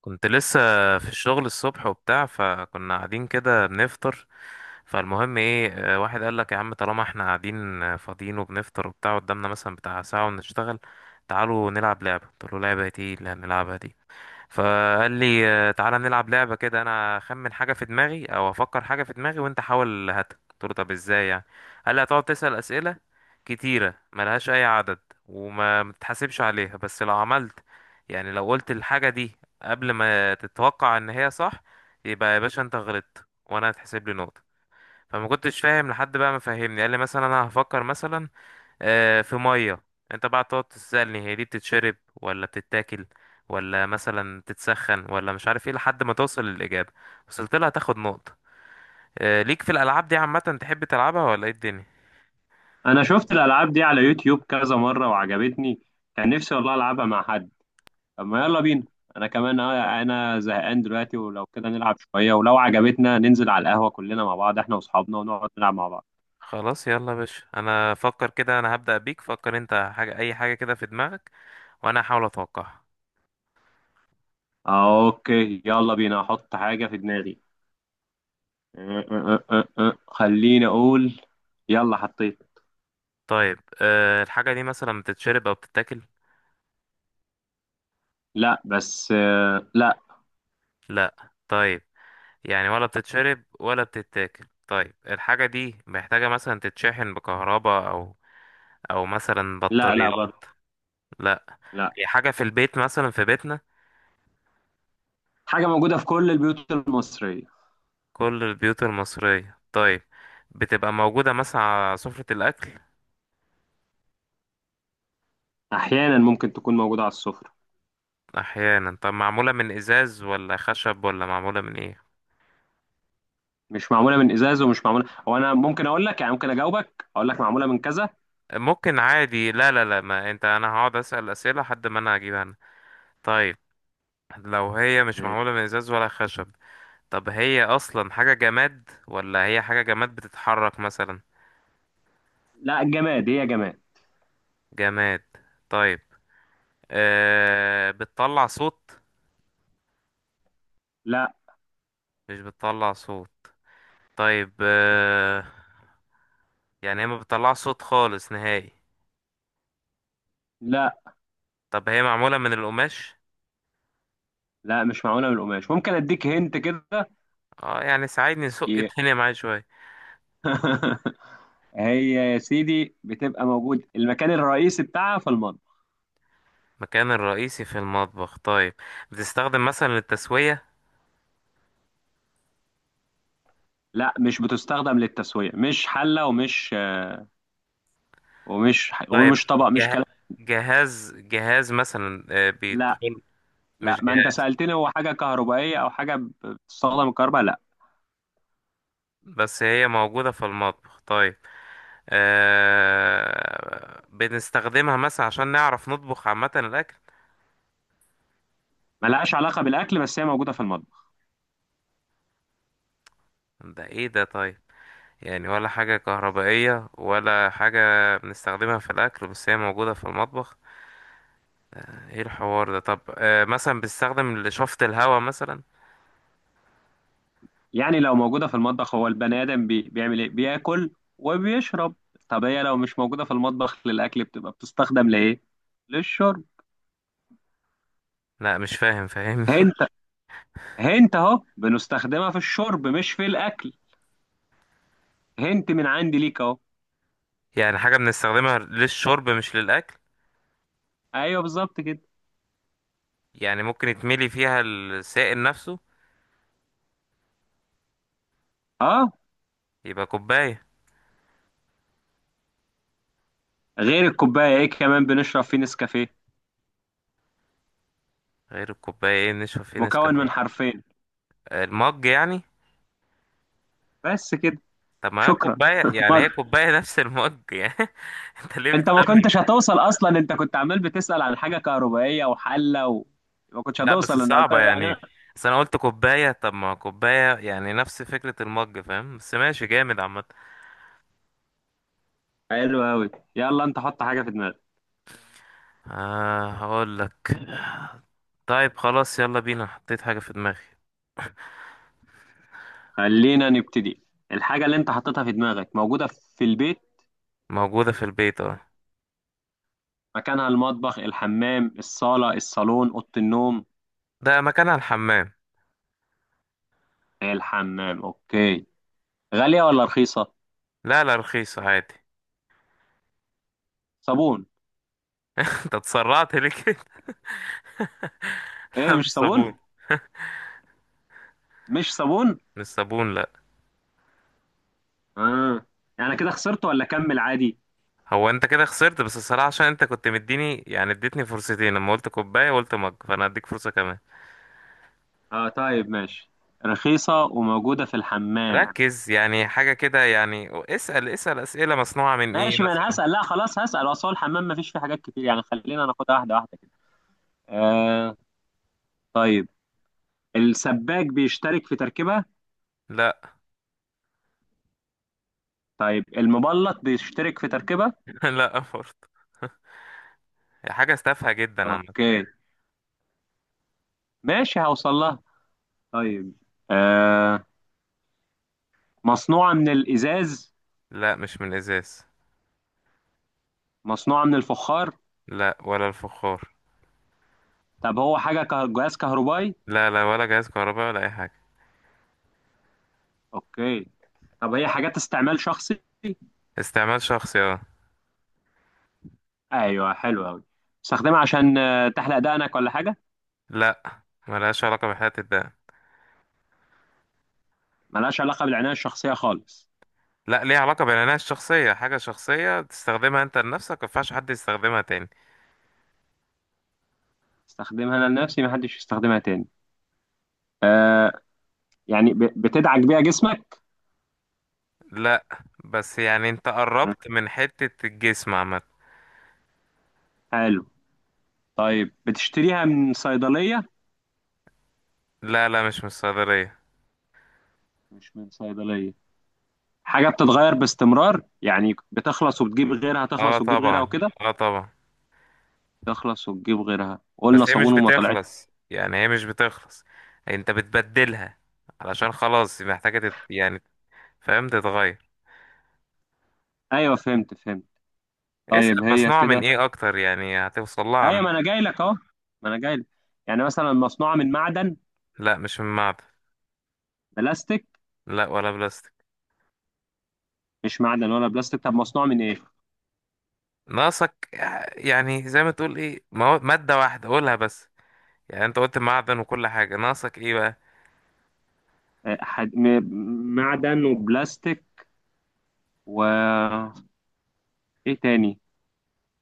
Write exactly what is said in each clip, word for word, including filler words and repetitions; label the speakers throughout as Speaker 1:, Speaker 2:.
Speaker 1: كنت لسه في الشغل الصبح وبتاع، فكنا قاعدين كده بنفطر. فالمهم ايه، آه، واحد قال لك يا عم طالما احنا قاعدين آه، فاضيين وبنفطر وبتاع، قدامنا مثلا بتاع ساعة ونشتغل، تعالوا نلعب لعبة. قلت له لعبة ايه اللي هنلعبها دي؟ فقال لي آه، تعالى نلعب لعبة كده، انا اخمن حاجة في دماغي او افكر حاجة في دماغي وانت حاول هاتها. قلت له طب ازاي يعني؟ قال لي هتقعد تسأل أسئلة كتيرة ملهاش اي عدد وما متحاسبش عليها، بس لو عملت، يعني لو قلت الحاجة دي قبل ما تتوقع ان هي صح، يبقى يا باشا انت غلطت وانا هتحسب لي نقطة. فما كنتش فاهم لحد بقى ما فهمني. قال لي مثلا انا هفكر مثلا آه، في ميه، انت بقى تقعد تسألني هي دي بتتشرب ولا بتتاكل ولا مثلا تتسخن ولا مش عارف ايه، لحد ما توصل للإجابة. وصلت لها تاخد نقطة. آه، ليك في الألعاب دي عامة؟ تحب تلعبها ولا ايه الدنيا؟
Speaker 2: انا شفت الالعاب دي على يوتيوب كذا مره وعجبتني. كان نفسي والله العبها مع حد. طب ما يلا بينا. انا كمان، آه، انا زهقان دلوقتي، ولو كده نلعب شويه ولو عجبتنا ننزل على القهوه كلنا مع بعض، احنا واصحابنا، ونقعد نلعب مع بعض.
Speaker 1: خلاص يلا يا باشا، انا فكر كده، انا هبدأ بيك. فكر انت حاجة، اي حاجة كده في دماغك، وانا هحاول اتوقعها.
Speaker 2: آه، اوكي، يلا بينا احط حاجه في دماغي. أه، أه، أه، أه. آه. خليني اقول. يلا حطيت.
Speaker 1: طيب أه الحاجة دي مثلا بتتشرب او بتتاكل؟
Speaker 2: لا، بس آه، لا.
Speaker 1: لا طيب، يعني ولا بتتشرب ولا بتتاكل. طيب الحاجة دي محتاجة مثلا تتشحن بكهرباء او او مثلا
Speaker 2: لا لا
Speaker 1: بطاريات؟
Speaker 2: برضه.
Speaker 1: لا.
Speaker 2: لا.
Speaker 1: هي حاجة في البيت، مثلا في بيتنا؟
Speaker 2: حاجه موجوده في كل البيوت المصريه.
Speaker 1: كل البيوت المصرية طيب، بتبقى موجودة مثلا على سفرة الأكل؟
Speaker 2: احيانا ممكن تكون موجوده على السفره.
Speaker 1: أحيانا. طب معمولة من إزاز ولا خشب ولا معمولة من إيه؟
Speaker 2: مش معموله من ازاز ومش معموله، هو انا ممكن اقول لك يعني ممكن اجاوبك اقول لك معموله من كذا.
Speaker 1: ممكن عادي، لا لا لا، ما أنت أنا هقعد أسأل أسئلة لحد ما أنا أجيبها أنا. طيب لو هي مش معمولة من إزاز ولا خشب، طب هي أصلا حاجة جماد ولا هي حاجة جماد بتتحرك مثلا؟
Speaker 2: لا، جماد، هي جماد.
Speaker 1: جماد طيب، أه بتطلع صوت؟
Speaker 2: لا
Speaker 1: مش بتطلع صوت. طيب، آه، يعني هي ما بتطلعش صوت خالص نهائي.
Speaker 2: لا.
Speaker 1: طب هي معمولة من القماش؟
Speaker 2: لا، مش معموله من القماش، ممكن اديك هنت كده.
Speaker 1: اه يعني ساعدني، سوق
Speaker 2: ي-
Speaker 1: الدنيا معايا شوية.
Speaker 2: هي يا سيدي بتبقى موجود المكان الرئيسي بتاعها في المطبخ.
Speaker 1: مكان الرئيسي في المطبخ طيب، بتستخدم مثلا للتسوية؟
Speaker 2: لا، مش بتستخدم للتسويه، مش حله، ومش ومش
Speaker 1: طيب
Speaker 2: ومش طبق، مش
Speaker 1: جه...
Speaker 2: كلام.
Speaker 1: جهاز جهاز مثلا آه،
Speaker 2: لا.
Speaker 1: بيدخل؟
Speaker 2: لا،
Speaker 1: مش
Speaker 2: ما انت
Speaker 1: جهاز
Speaker 2: سالتني هو حاجه كهربائيه او حاجه بتستخدم الكهرباء، لا.
Speaker 1: بس هي موجودة في المطبخ طيب. آه... بنستخدمها مثلا عشان نعرف نطبخ عامة الأكل؟
Speaker 2: ملهاش علاقه بالاكل، بس هي موجوده في المطبخ.
Speaker 1: ده ايه ده؟ طيب، يعني ولا حاجة كهربائية ولا حاجة، بنستخدمها في الأكل بس هي موجودة في المطبخ؟ ايه الحوار ده؟ طب آه مثلا بنستخدم لشفط الهواء مثلا؟
Speaker 2: يعني لو موجودة في المطبخ، هو البني آدم بي... بيعمل إيه؟ بياكل وبيشرب. طب هي لو مش موجودة في المطبخ للأكل، بتبقى بتستخدم لإيه؟ للشرب.
Speaker 1: لا مش فاهم، فاهمني
Speaker 2: هنت، هنت أهو بنستخدمها في الشرب مش في الأكل. هنت من عندي ليك أهو.
Speaker 1: يعني حاجة بنستخدمها للشرب مش للأكل؟
Speaker 2: أيوه بالظبط كده.
Speaker 1: يعني ممكن يتملي فيها السائل نفسه؟
Speaker 2: أه.
Speaker 1: يبقى كوباية.
Speaker 2: غير الكوباية، إيه كمان بنشرب فيه نسكافيه؟
Speaker 1: غير الكوباية ايه بنشرب فيه
Speaker 2: مكون من
Speaker 1: نسكافيه؟
Speaker 2: حرفين.
Speaker 1: آه، المج يعني؟
Speaker 2: بس كده.
Speaker 1: طب ما هي
Speaker 2: شكرا.
Speaker 1: كوباية، يعني
Speaker 2: ما...
Speaker 1: هي كوباية نفس المج يعني. انت ليه؟
Speaker 2: أنت ما كنتش هتوصل أصلا، أنت كنت عمال بتسأل عن حاجة كهربائية وحلة و... ما كنتش
Speaker 1: لا بس
Speaker 2: هتوصل، أنا قلت
Speaker 1: صعبة يعني،
Speaker 2: يعني.
Speaker 1: بس انا قلت كوباية، طب ما كوباية يعني نفس فكرة المج، فاهم؟ بس ماشي، جامد عامة.
Speaker 2: حلو أوي. يلا أنت حط حاجة في دماغك.
Speaker 1: آه هقول لك، طيب خلاص يلا بينا حطيت حاجة في دماغي.
Speaker 2: خلينا نبتدي. الحاجة اللي أنت حطيتها في دماغك موجودة في البيت.
Speaker 1: موجودة في البيت، اه.
Speaker 2: مكانها المطبخ، الحمام، الصالة، الصالون، أوضة النوم.
Speaker 1: ده مكانها الحمام.
Speaker 2: الحمام، أوكي. غالية ولا رخيصة؟
Speaker 1: لا لا، رخيص عادي.
Speaker 2: صابون.
Speaker 1: انت اتسرعت ليه كده؟
Speaker 2: إيه،
Speaker 1: لا مش
Speaker 2: مش صابون؟
Speaker 1: صابون.
Speaker 2: مش صابون؟
Speaker 1: مش صابون لا.
Speaker 2: آه. يعني كده خسرت، ولا أكمل عادي؟
Speaker 1: هو انت كده خسرت، بس الصراحة عشان انت كنت مديني، يعني اديتني فرصتين لما قلت كوباية وقلت مج، فانا هديك فرصة كمان.
Speaker 2: آه، طيب ماشي. رخيصة وموجودة في الحمام.
Speaker 1: ركز يعني حاجة كده يعني، اسأل اسأل اسئلة مصنوعة من ايه
Speaker 2: ماشي، ما أنا
Speaker 1: مثلا.
Speaker 2: هسأل، لا خلاص هسأل. أصل هو الحمام مفيش فيه حاجات كتير يعني، خلينا ناخدها واحدة واحدة كده. آه. طيب. السباك بيشترك في تركيبة؟
Speaker 1: لا.
Speaker 2: طيب المبلط بيشترك في تركيبة؟
Speaker 1: لا برضه. هي حاجة تافهة جدا عامة.
Speaker 2: اوكي، ماشي هوصل لها. طيب. آه. مصنوعة من الإزاز؟
Speaker 1: لا مش من الإزاز.
Speaker 2: مصنوعة من الفخار؟
Speaker 1: لا ولا الفخار.
Speaker 2: طب هو حاجة كه- جهاز كهربائي؟
Speaker 1: لا لا ولا جهاز كهرباء ولا أي حاجة.
Speaker 2: اوكي. طب هي حاجات استعمال شخصي؟
Speaker 1: استعمال شخصي اه.
Speaker 2: ايوه، حلو قوي. استخدمها عشان آه، تحلق دقنك ولا حاجة؟
Speaker 1: لا ملهاش علاقة بحياة الدم.
Speaker 2: ملهاش علاقة بالعناية الشخصية خالص؟
Speaker 1: لا ليها علاقة بالعناية الشخصية، حاجة شخصية تستخدمها أنت لنفسك مينفعش حد يستخدمها تاني.
Speaker 2: استخدمها انا لنفسي، محدش يستخدمها تاني. آه. يعني ب- بتدعك بيها جسمك؟
Speaker 1: لا بس يعني أنت قربت من حتة الجسم عامة.
Speaker 2: حلو. طيب بتشتريها من صيدلية؟
Speaker 1: لا لا مش من الصيدلية.
Speaker 2: مش من صيدلية. حاجة بتتغير باستمرار، يعني بتخلص وبتجيب غيرها،
Speaker 1: اه
Speaker 2: تخلص وتجيب غيرها
Speaker 1: طبعا.
Speaker 2: وكده.
Speaker 1: اه طبعا.
Speaker 2: تخلص وتجيب غيرها، قلنا
Speaker 1: بس هي مش
Speaker 2: صابون وما طلعت.
Speaker 1: بتخلص يعني، هي مش بتخلص، انت بتبدلها علشان خلاص محتاجة تت... يعني فاهم تتغير.
Speaker 2: ايوه فهمت فهمت.
Speaker 1: اسأل
Speaker 2: طيب هي
Speaker 1: مصنوعة من
Speaker 2: كده،
Speaker 1: ايه اكتر يعني هتوصل لها، عم.
Speaker 2: ايوه ما انا جاي لك اهو، ما انا جاي لك. يعني مثلا مصنوعة من معدن؟
Speaker 1: لا مش من معدن.
Speaker 2: بلاستيك؟
Speaker 1: لا ولا بلاستيك.
Speaker 2: مش معدن ولا بلاستيك، طب مصنوعة من ايه؟
Speaker 1: ناقصك، يعني زي ما تقول ايه، مو- مادة واحدة قولها بس، يعني انت قلت معدن وكل حاجة، ناقصك ايه بقى؟
Speaker 2: آه، حد... م- معدن وبلاستيك، و، ايه تاني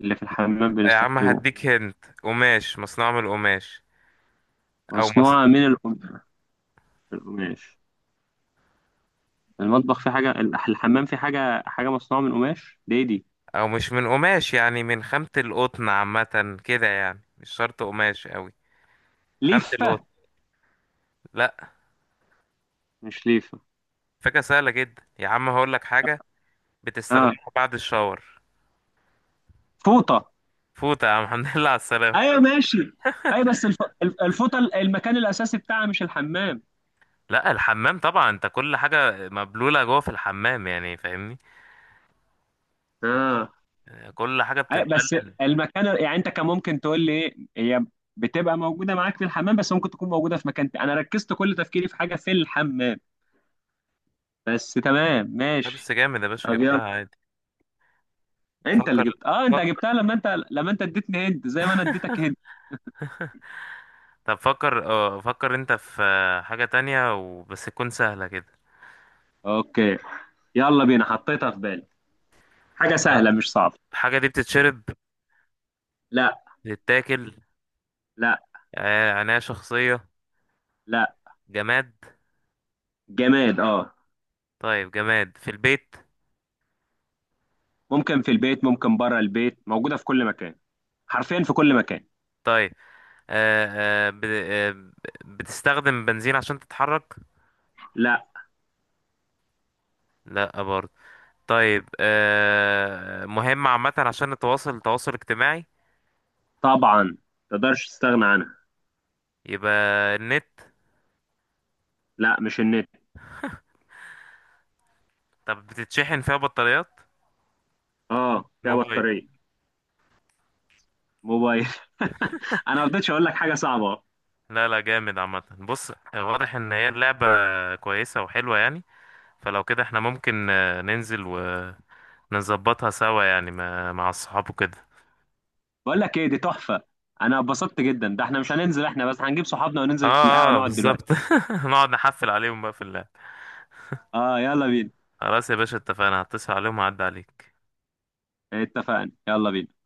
Speaker 2: اللي في الحمام
Speaker 1: يا عم
Speaker 2: بنستخدمه؟
Speaker 1: هديك هنت، قماش، مصنوع من القماش او مص...
Speaker 2: مصنوعة من القماش؟ القماش؟ المطبخ فيه حاجة، الح- الحمام فيه حاجة، حاجة مصنوعة من قماش، دي دي،
Speaker 1: او مش من قماش، يعني من خامة القطن عامة كده، يعني مش شرط قماش قوي، خامة القطن.
Speaker 2: ليفة؟
Speaker 1: لا.
Speaker 2: مش ليفة.
Speaker 1: فكرة سهلة جدا يا عم، هقولك حاجة
Speaker 2: اه،
Speaker 1: بتستخدمها بعد الشاور.
Speaker 2: فوطة.
Speaker 1: فوت يا عم الحمد لله على السلامة.
Speaker 2: ايوه ماشي. اي بس الف... الف- الفوطة، ال- المكان الأساسي بتاعها مش الحمام.
Speaker 1: لا الحمام طبعا، انت كل حاجة مبلولة جوه في الحمام يعني فاهمني،
Speaker 2: اه.
Speaker 1: كل حاجة
Speaker 2: اي بس
Speaker 1: بتتبلد.
Speaker 2: المكان، يعني انت كان ممكن تقول لي ايه هي، بتبقى موجودة معاك في الحمام بس ممكن تكون موجودة في مكان تاني، انا ركزت كل تفكيري في حاجة في الحمام، بس تمام
Speaker 1: لا بس
Speaker 2: ماشي.
Speaker 1: جامد يا باشا،
Speaker 2: طب
Speaker 1: جبتها
Speaker 2: يلا.
Speaker 1: عادي.
Speaker 2: انت اللي
Speaker 1: فكر
Speaker 2: جبت، اه انت
Speaker 1: فكر،
Speaker 2: جبتها. لما انت لما انت اديتني هند زي ما انا اديتك هند.
Speaker 1: طب فكر اه فكر انت في حاجة تانية وبس، تكون سهلة كده.
Speaker 2: اوكي يلا بينا، حطيتها في بالي. حاجة
Speaker 1: طيب.
Speaker 2: سهلة مش صعبة.
Speaker 1: الحاجة دي بتتشرب؟
Speaker 2: لا.
Speaker 1: بتتاكل؟
Speaker 2: لا.
Speaker 1: آه، عناية شخصية؟
Speaker 2: لا.
Speaker 1: جماد؟
Speaker 2: جماد، اه.
Speaker 1: طيب جماد في البيت؟
Speaker 2: ممكن في البيت، ممكن بره البيت، موجودة في كل مكان، حرفيا في كل مكان.
Speaker 1: طيب آه، آه ب... آه ب- بتستخدم بنزين عشان تتحرك؟
Speaker 2: لا.
Speaker 1: لا برضه. طيب آه مهم عامة عشان التواصل التواصل الاجتماعي؟
Speaker 2: طبعا، تقدرش تستغنى عنها.
Speaker 1: يبقى النت.
Speaker 2: لا، مش النت.
Speaker 1: طب بتتشحن فيها بطاريات؟
Speaker 2: اه، فيها
Speaker 1: الموبايل.
Speaker 2: بطارية. موبايل. انا ما رضيتش اقول لك حاجة صعبة.
Speaker 1: لا لا، جامد عامة، بص، واضح ان هي اللعبة كويسة وحلوة يعني، فلو كده احنا ممكن آه، ننزل ونظبطها سوا، يعني مع مع الصحاب وكده.
Speaker 2: بقول لك ايه، دي تحفة. انا اتبسطت جدا، ده احنا مش هننزل، احنا بس هنجيب صحابنا
Speaker 1: اه
Speaker 2: وننزل القهوة
Speaker 1: اه
Speaker 2: نقعد دلوقتي.
Speaker 1: بالظبط. نقعد نحفل عليهم بقى في اللعب.
Speaker 2: اه يلا بينا.
Speaker 1: خلاص يا باشا اتفقنا، هتصل عليهم وهعدي عليك.
Speaker 2: اتفقنا، يلا بينا.